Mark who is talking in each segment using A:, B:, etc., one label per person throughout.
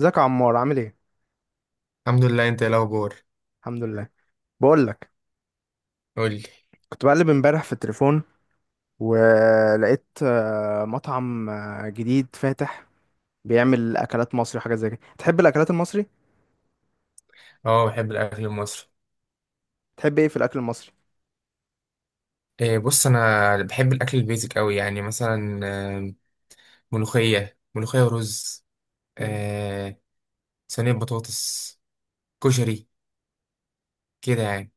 A: ازيك يا عمار؟ عامل ايه؟
B: الحمد لله. انت ايه الاخبار؟
A: الحمد لله. بقول لك،
B: قول لي.
A: كنت بقلب امبارح في التليفون، ولقيت مطعم جديد فاتح، بيعمل اكلات مصري وحاجات زي كده. تحب الاكلات المصري؟
B: اه، بحب الاكل المصري.
A: تحب ايه في الاكل المصري؟
B: إيه، بص انا بحب الاكل البيزك قوي، يعني مثلا ملوخيه ملوخيه ورز،
A: مم.
B: آه، صينيه بطاطس، كشري، كده يعني.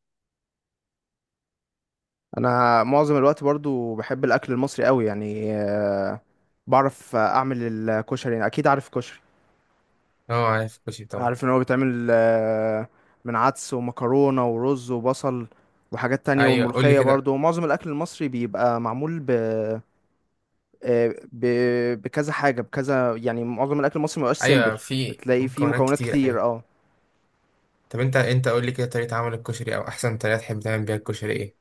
A: انا معظم الوقت برضو بحب الاكل المصري قوي يعني بعرف اعمل الكشري، يعني اكيد عارف كشري.
B: اه، عارف الكشري طبعا.
A: عارف ان هو بيتعمل من عدس ومكرونه ورز وبصل، وحاجات تانية
B: ايوه، قول لي
A: والملوخيه.
B: كده.
A: برضو معظم الاكل المصري بيبقى معمول ب بكذا حاجة، بكذا يعني معظم الأكل المصري مبقاش سيمبل.
B: ايوه، في
A: بتلاقي فيه
B: مكونات
A: مكونات
B: كتير،
A: كتير،
B: ايوه.
A: اه.
B: طب انت قول لي كده، طريقه عمل الكشري او احسن طريقه تحب تعمل بيها الكشري ايه؟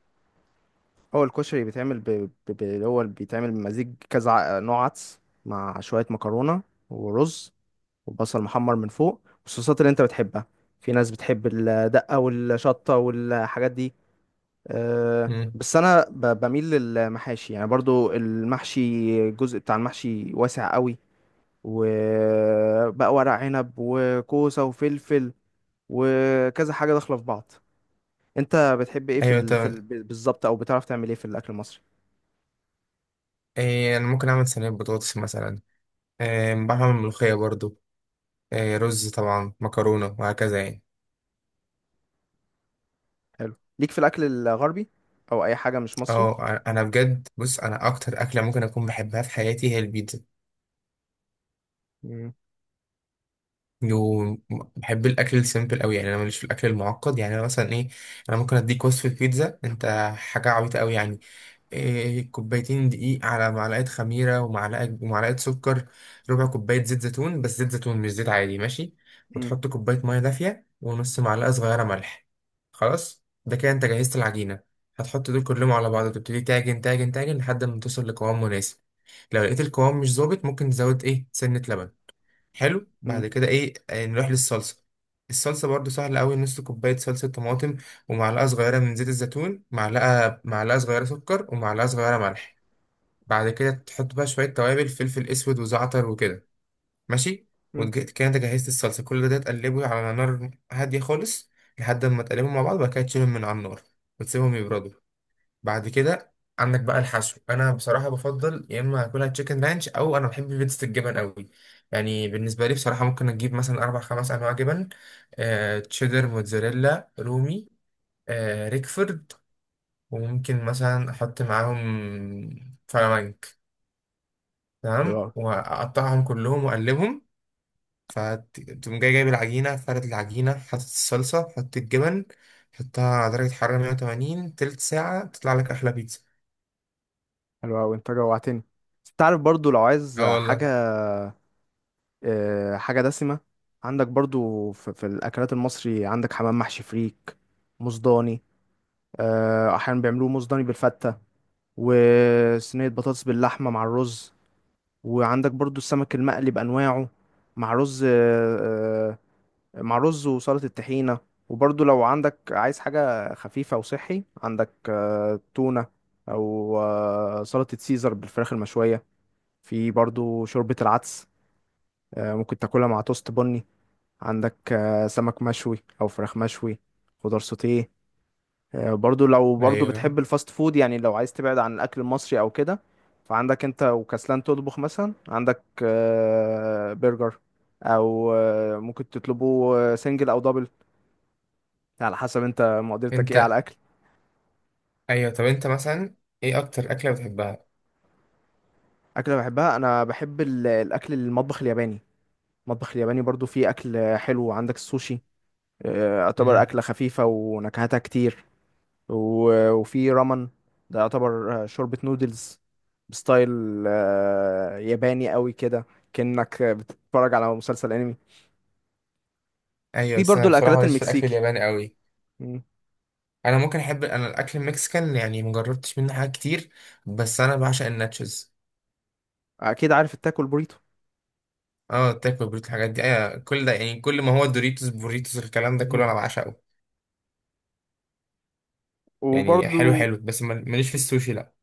A: هو الكشري بيتعمل اللي هو بيتعمل بمزيج كذا نوع عدس، مع شوية مكرونة ورز، وبصل محمر من فوق، والصوصات اللي انت بتحبها. في ناس بتحب الدقة والشطة والحاجات دي. أه،
B: مم.
A: بس انا بميل للمحاشي، يعني برضو المحشي، الجزء بتاع المحشي واسع قوي. وبقى ورق عنب وكوسة وفلفل، وكذا حاجة داخلة في بعض. انت بتحب ايه
B: ايوه طب،
A: بالظبط، او بتعرف تعمل ايه في الاكل المصري؟
B: إيه انا ممكن اعمل صينيه بطاطس مثلا، إيه بعرف اعمل ملوخيه برضو، إيه رز طبعا، مكرونه وهكذا يعني.
A: حلو. ليك في الاكل الغربي او اي حاجة مش مصري؟
B: اه. انا بجد، بص انا اكتر اكله ممكن اكون بحبها في حياتي هي البيتزا.
A: مم.
B: وبحب الاكل السيمبل قوي، يعني انا ماليش في الاكل المعقد. يعني انا مثلا ايه، انا ممكن اديك وصفه بيتزا انت، حاجه عبيطه قوي يعني. إيه، كوبايتين دقيق، على معلقة خميرة، ومعلقة سكر، ربع كوباية زيت زيتون، بس زيت زيتون مش زيت عادي، ماشي.
A: مم.
B: وتحط كوباية مية دافية، ونص معلقة صغيرة ملح. خلاص، ده كده انت جهزت العجينة. هتحط دول كلهم على بعض، وتبتدي تعجن تعجن تعجن لحد ما توصل لقوام مناسب. لو لقيت القوام مش ظابط، ممكن تزود ايه، سنة لبن. حلو. بعد
A: مم.
B: كده ايه، نروح للصلصه. الصلصه برضو سهله قوي، نص كوبايه صلصه طماطم، ومعلقه صغيره من زيت الزيتون، معلقه صغيره سكر، ومعلقه صغيره ملح. بعد كده تحط بقى شويه توابل، فلفل اسود وزعتر وكده، ماشي.
A: مم.
B: وكده انت جهزت الصلصه. كل ده تقلبه على نار هاديه خالص، لحد ما تقلبهم مع بعض، وبعد كده تشيلهم من على النار، وتسيبهم يبردوا. بعد كده، عندك بقى الحشو. انا بصراحه بفضل يا اما اكلها تشيكن رانش، او انا بحب بيتزا الجبن قوي. يعني بالنسبه لي بصراحه، ممكن اجيب مثلا اربع خمس انواع جبن، تشيدر، موتزاريلا، رومي، ريكفورد، وممكن مثلا احط معاهم فلامنك.
A: حلو
B: تمام،
A: قوي.
B: واقطعهم كلهم واقلبهم. فتقوم جاي، جايب العجينه، فرد العجينه، حاطط الصلصه، حط الجبن. حطها على درجه حراره 180، تلت ساعه تطلع لك احلى بيتزا.
A: حلو قوي، انت جوعتني. تعرف برضو لو عايز
B: اه
A: حاجة،
B: والله.
A: حاجة دسمة، عندك برضو في الأكلات المصري عندك حمام محشي فريك مصداني. أحيانا بيعملوه مصداني بالفتة، وصينية بطاطس باللحمة مع الرز. وعندك برضو السمك المقلي بأنواعه، مع رز. مع رز وسلطة الطحينة. وبرضو لو عندك عايز حاجة خفيفة وصحي، عندك تونة، أو سلطة سيزر بالفراخ المشوية. في برضو شوربة العدس، ممكن تاكلها مع توست بني. عندك سمك مشوي أو فراخ مشوي، خضار سوتيه. برضو لو
B: ايوه.
A: بتحب الفاست فود، يعني لو عايز تبعد عن الاكل المصري او كده، فعندك انت وكسلان تطبخ مثلا. عندك برجر، او ممكن تطلبه سنجل او دبل، على حسب انت مقدرتك ايه على
B: انت.
A: الاكل.
B: ايوه طب، انت مثلا، ايه اكتر اكله بتحبها؟
A: اكله بحبها، انا بحب الاكل المطبخ الياباني. المطبخ الياباني برضو فيه اكل حلو، عندك السوشي، يعتبر
B: امم.
A: اكله خفيفه ونكهتها كتير. وفي رامن، ده يعتبر شوربة نودلز بستايل ياباني قوي كده، كأنك بتتفرج على مسلسل انمي.
B: ايوه،
A: في
B: بس
A: برضو
B: انا بصراحه
A: الاكلات
B: ماليش في الاكل
A: المكسيكي.
B: الياباني قوي.
A: مم.
B: انا ممكن احب انا الاكل المكسيكان، يعني مجربتش منه حاجات كتير، بس انا بعشق الناتشز.
A: اكيد عارف التاكو البوريتو.
B: اه، تاكو بريت، الحاجات دي ايوه كل ده. يعني كل ما هو دوريتوس بوريتوس الكلام ده كله انا بعشقه. يعني حلو
A: وبرضو
B: حلو، بس ماليش في السوشي، لا.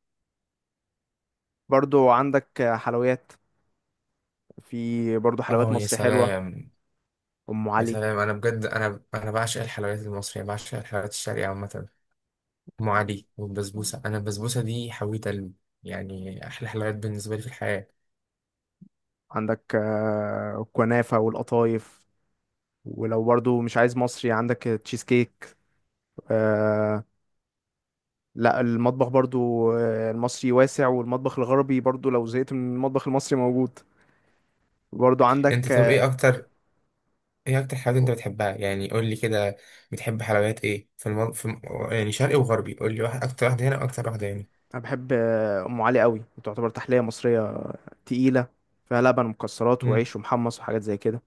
A: عندك حلويات. في برضو حلويات
B: اه يا
A: مصري حلوة،
B: سلام.
A: ام
B: يا
A: علي.
B: سلام، انا بجد انا بعشق الحلويات المصريه، بعشق الحلويات الشرقيه عامه. ام علي والبسبوسه. انا البسبوسه دي حويت قلبي، يعني احلى حلويات بالنسبه لي في الحياه.
A: عندك الكنافة والقطايف. ولو برضو مش عايز مصري، عندك تشيز كيك، آه، لا. المطبخ برضو المصري واسع، والمطبخ الغربي برضو لو زهقت من المطبخ المصري موجود. برضو عندك
B: انت طب، ايه اكتر، ايه اكتر حاجات انت بتحبها يعني؟ قول لي كده، بتحب حلويات ايه في, المن... في الم... يعني شرقي وغربي، قول لي واحد، اكتر واحده هنا واكتر واحده هنا.
A: انا بحب ام علي قوي، تعتبر تحليه مصريه تقيله، فيها لبن ومكسرات
B: امم.
A: وعيش ومحمص وحاجات زي كده.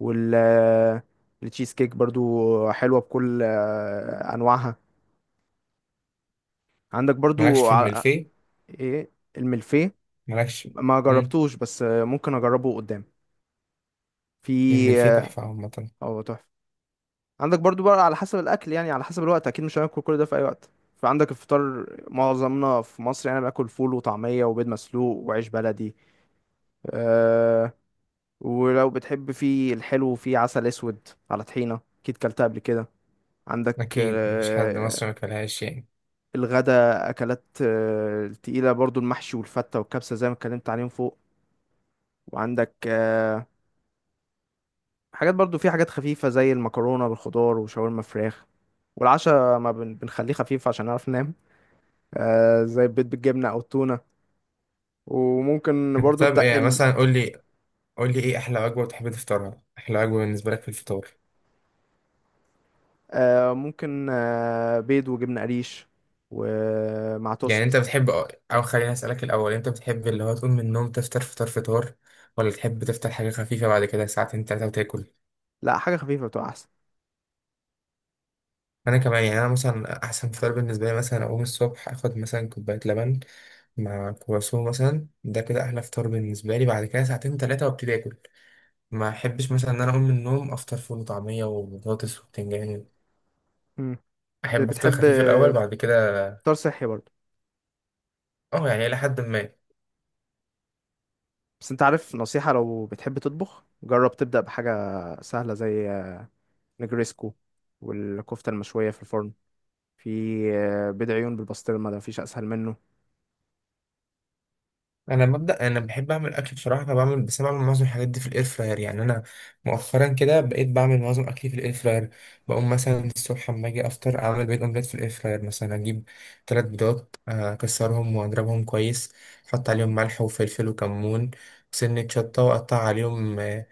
A: وال آه، التشيز كيك برضو حلوه بكل انواعها. عندك
B: مالكش
A: برضو
B: في الملفيه؟
A: ايه الملفيه؟
B: مالكش.
A: ما
B: امم.
A: جربتوش، بس ممكن اجربه قدام. في،
B: الملفيه
A: اه،
B: تحفه عامه،
A: أو تحفة. عندك برضو بقى على حسب الاكل، يعني على حسب الوقت، اكيد مش هناكل كل ده في اي وقت. فعندك الفطار، معظمنا في مصر يعني باكل فول وطعميه وبيض مسلوق وعيش بلدي، أه. ولو بتحب في الحلو، في عسل اسود على طحينه، اكيد كلتها قبل كده. عندك
B: اكيد مفيش حد مصري ما كلهاش يعني.
A: الغدا، اكلات تقيله، برضو المحشي والفته والكبسه زي ما اتكلمت عليهم فوق. وعندك حاجات برضو، في حاجات خفيفه زي المكرونه بالخضار وشاورما فراخ. والعشاء، ما بنخليه خفيف عشان نعرف ننام، زي البيض بالجبنة أو التونة. وممكن
B: انت
A: برضو
B: طب، ايه
A: تقل،
B: مثلا، قول لي، قول لي ايه احلى وجبه بتحب تفطرها، احلى وجبه بالنسبه لك في الفطار؟
A: ممكن بيض وجبنة قريش ومع
B: يعني انت
A: توست.
B: بتحب، او خليني اسالك الاول، انت بتحب اللي هو تقوم من النوم تفطر فطار فطار، ولا تحب تفطر حاجه خفيفه بعد كده ساعتين تلاته وتاكل؟
A: لا، حاجة خفيفة بتبقى أحسن.
B: انا كمان يعني، انا مثلا احسن فطار بالنسبه لي، مثلا اقوم الصبح اخد مثلا كوبايه لبن مع كرواسون مثلا، ده كده احلى فطار بالنسبه لي. بعد كده ساعتين ثلاثه وابتدي اكل. ما احبش مثلا ان انا اقوم من النوم افطر فول وطعميه وبطاطس وبتنجان.
A: مم.
B: احب افطر
A: بتحب
B: خفيف الاول بعد كده.
A: فطار صحي برضو.
B: اه، يعني الى حد ما.
A: بس أنت عارف، نصيحة لو بتحب تطبخ، جرب تبدأ بحاجة سهلة، زي نجريسكو، والكفتة المشوية في الفرن، في بيض عيون بالبسطرمة، ده مفيش أسهل منه.
B: انا مبدا، انا بحب اعمل اكل بصراحه، بس أنا بعمل معظم الحاجات دي في الاير فراير. يعني انا مؤخرا كده بقيت بعمل معظم اكلي في الاير فراير. بقوم مثلا الصبح اما اجي افطر، اعمل بيض اومليت في الاير فراير، مثلا اجيب ثلاث بيضات، اكسرهم واضربهم كويس، احط عليهم ملح وفلفل وكمون، سنه شطه، واقطع عليهم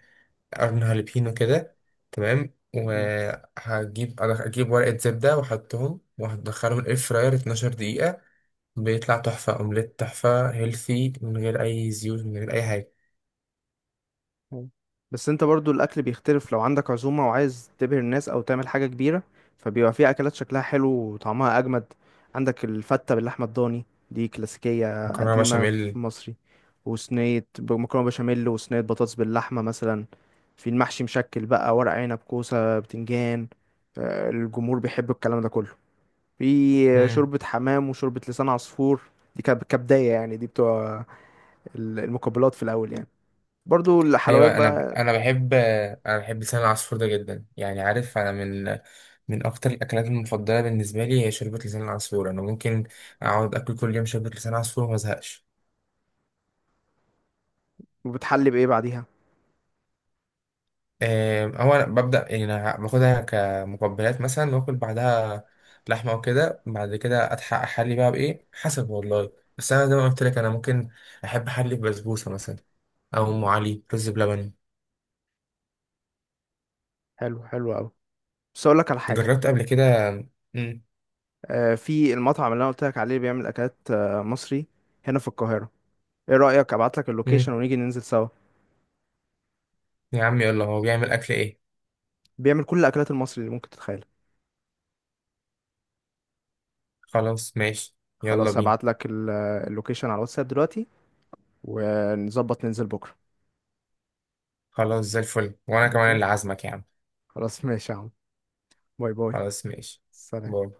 B: قرن هالبينو كده. تمام، اجيب ورقه زبده واحطهم وهدخلهم الاير فراير 12 دقيقه. بيطلع تحفة، أومليت تحفة هيلثي من غير أي زيوت من غير أي حاجة.
A: أيوة. بس انت برضو الاكل بيختلف لو عندك عزومة وعايز تبهر الناس او تعمل حاجة كبيرة، فبيبقى في اكلات شكلها حلو وطعمها اجمد. عندك الفتة باللحمة الضاني، دي كلاسيكية
B: مكرونة
A: قديمة في
B: بشاميل.
A: مصري. وصينية مكرونة بشاميل، وصينية بطاطس باللحمة مثلا. في المحشي مشكل بقى، ورق عنب كوسة بتنجان، الجمهور بيحب الكلام ده كله. في
B: مم.
A: شوربة حمام وشوربة لسان عصفور، دي كبداية يعني، دي بتوع المقبلات في الأول يعني. برضو الحلويات
B: أيوة، أنا
A: بقى.
B: أنا بحب، أنا بحب لسان العصفور ده جدا، يعني عارف، أنا من أكتر الأكلات المفضلة بالنسبة لي هي شوربة لسان العصفور. أنا ممكن أقعد آكل كل يوم شوربة لسان عصفور وما أزهقش.
A: وبتحلي بايه بعديها؟
B: هو أنا ببدأ يعني، أنا باخدها كمقبلات مثلا وآكل بعدها لحمة وكده، بعد كده أتحقق أحلي بقى بإيه، حسب والله. بس أنا زي ما قلت لك، أنا ممكن أحب أحلي ببسبوسة مثلا، او ام علي، رز بلبن.
A: حلو، حلو قوي. بس اقول لك على حاجه،
B: جربت قبل كده؟ مم.
A: في المطعم اللي انا قلت لك عليه، اللي بيعمل اكلات مصري هنا في القاهره، ايه رايك ابعت لك
B: مم.
A: اللوكيشن ونيجي ننزل سوا؟
B: يا عم يلا، هو بيعمل اكل ايه؟
A: بيعمل كل الاكلات المصري اللي ممكن تتخيلها.
B: خلاص ماشي. يلا
A: خلاص،
B: بينا.
A: هبعت لك اللوكيشن على الواتساب دلوقتي، ونظبط ننزل بكره.
B: خلاص زي الفل، وانا كمان
A: ماشي،
B: اللي عازمك يا عم.
A: خلاص ماشي يا عم. باي باي.
B: خلاص ماشي.
A: سلام.
B: باي.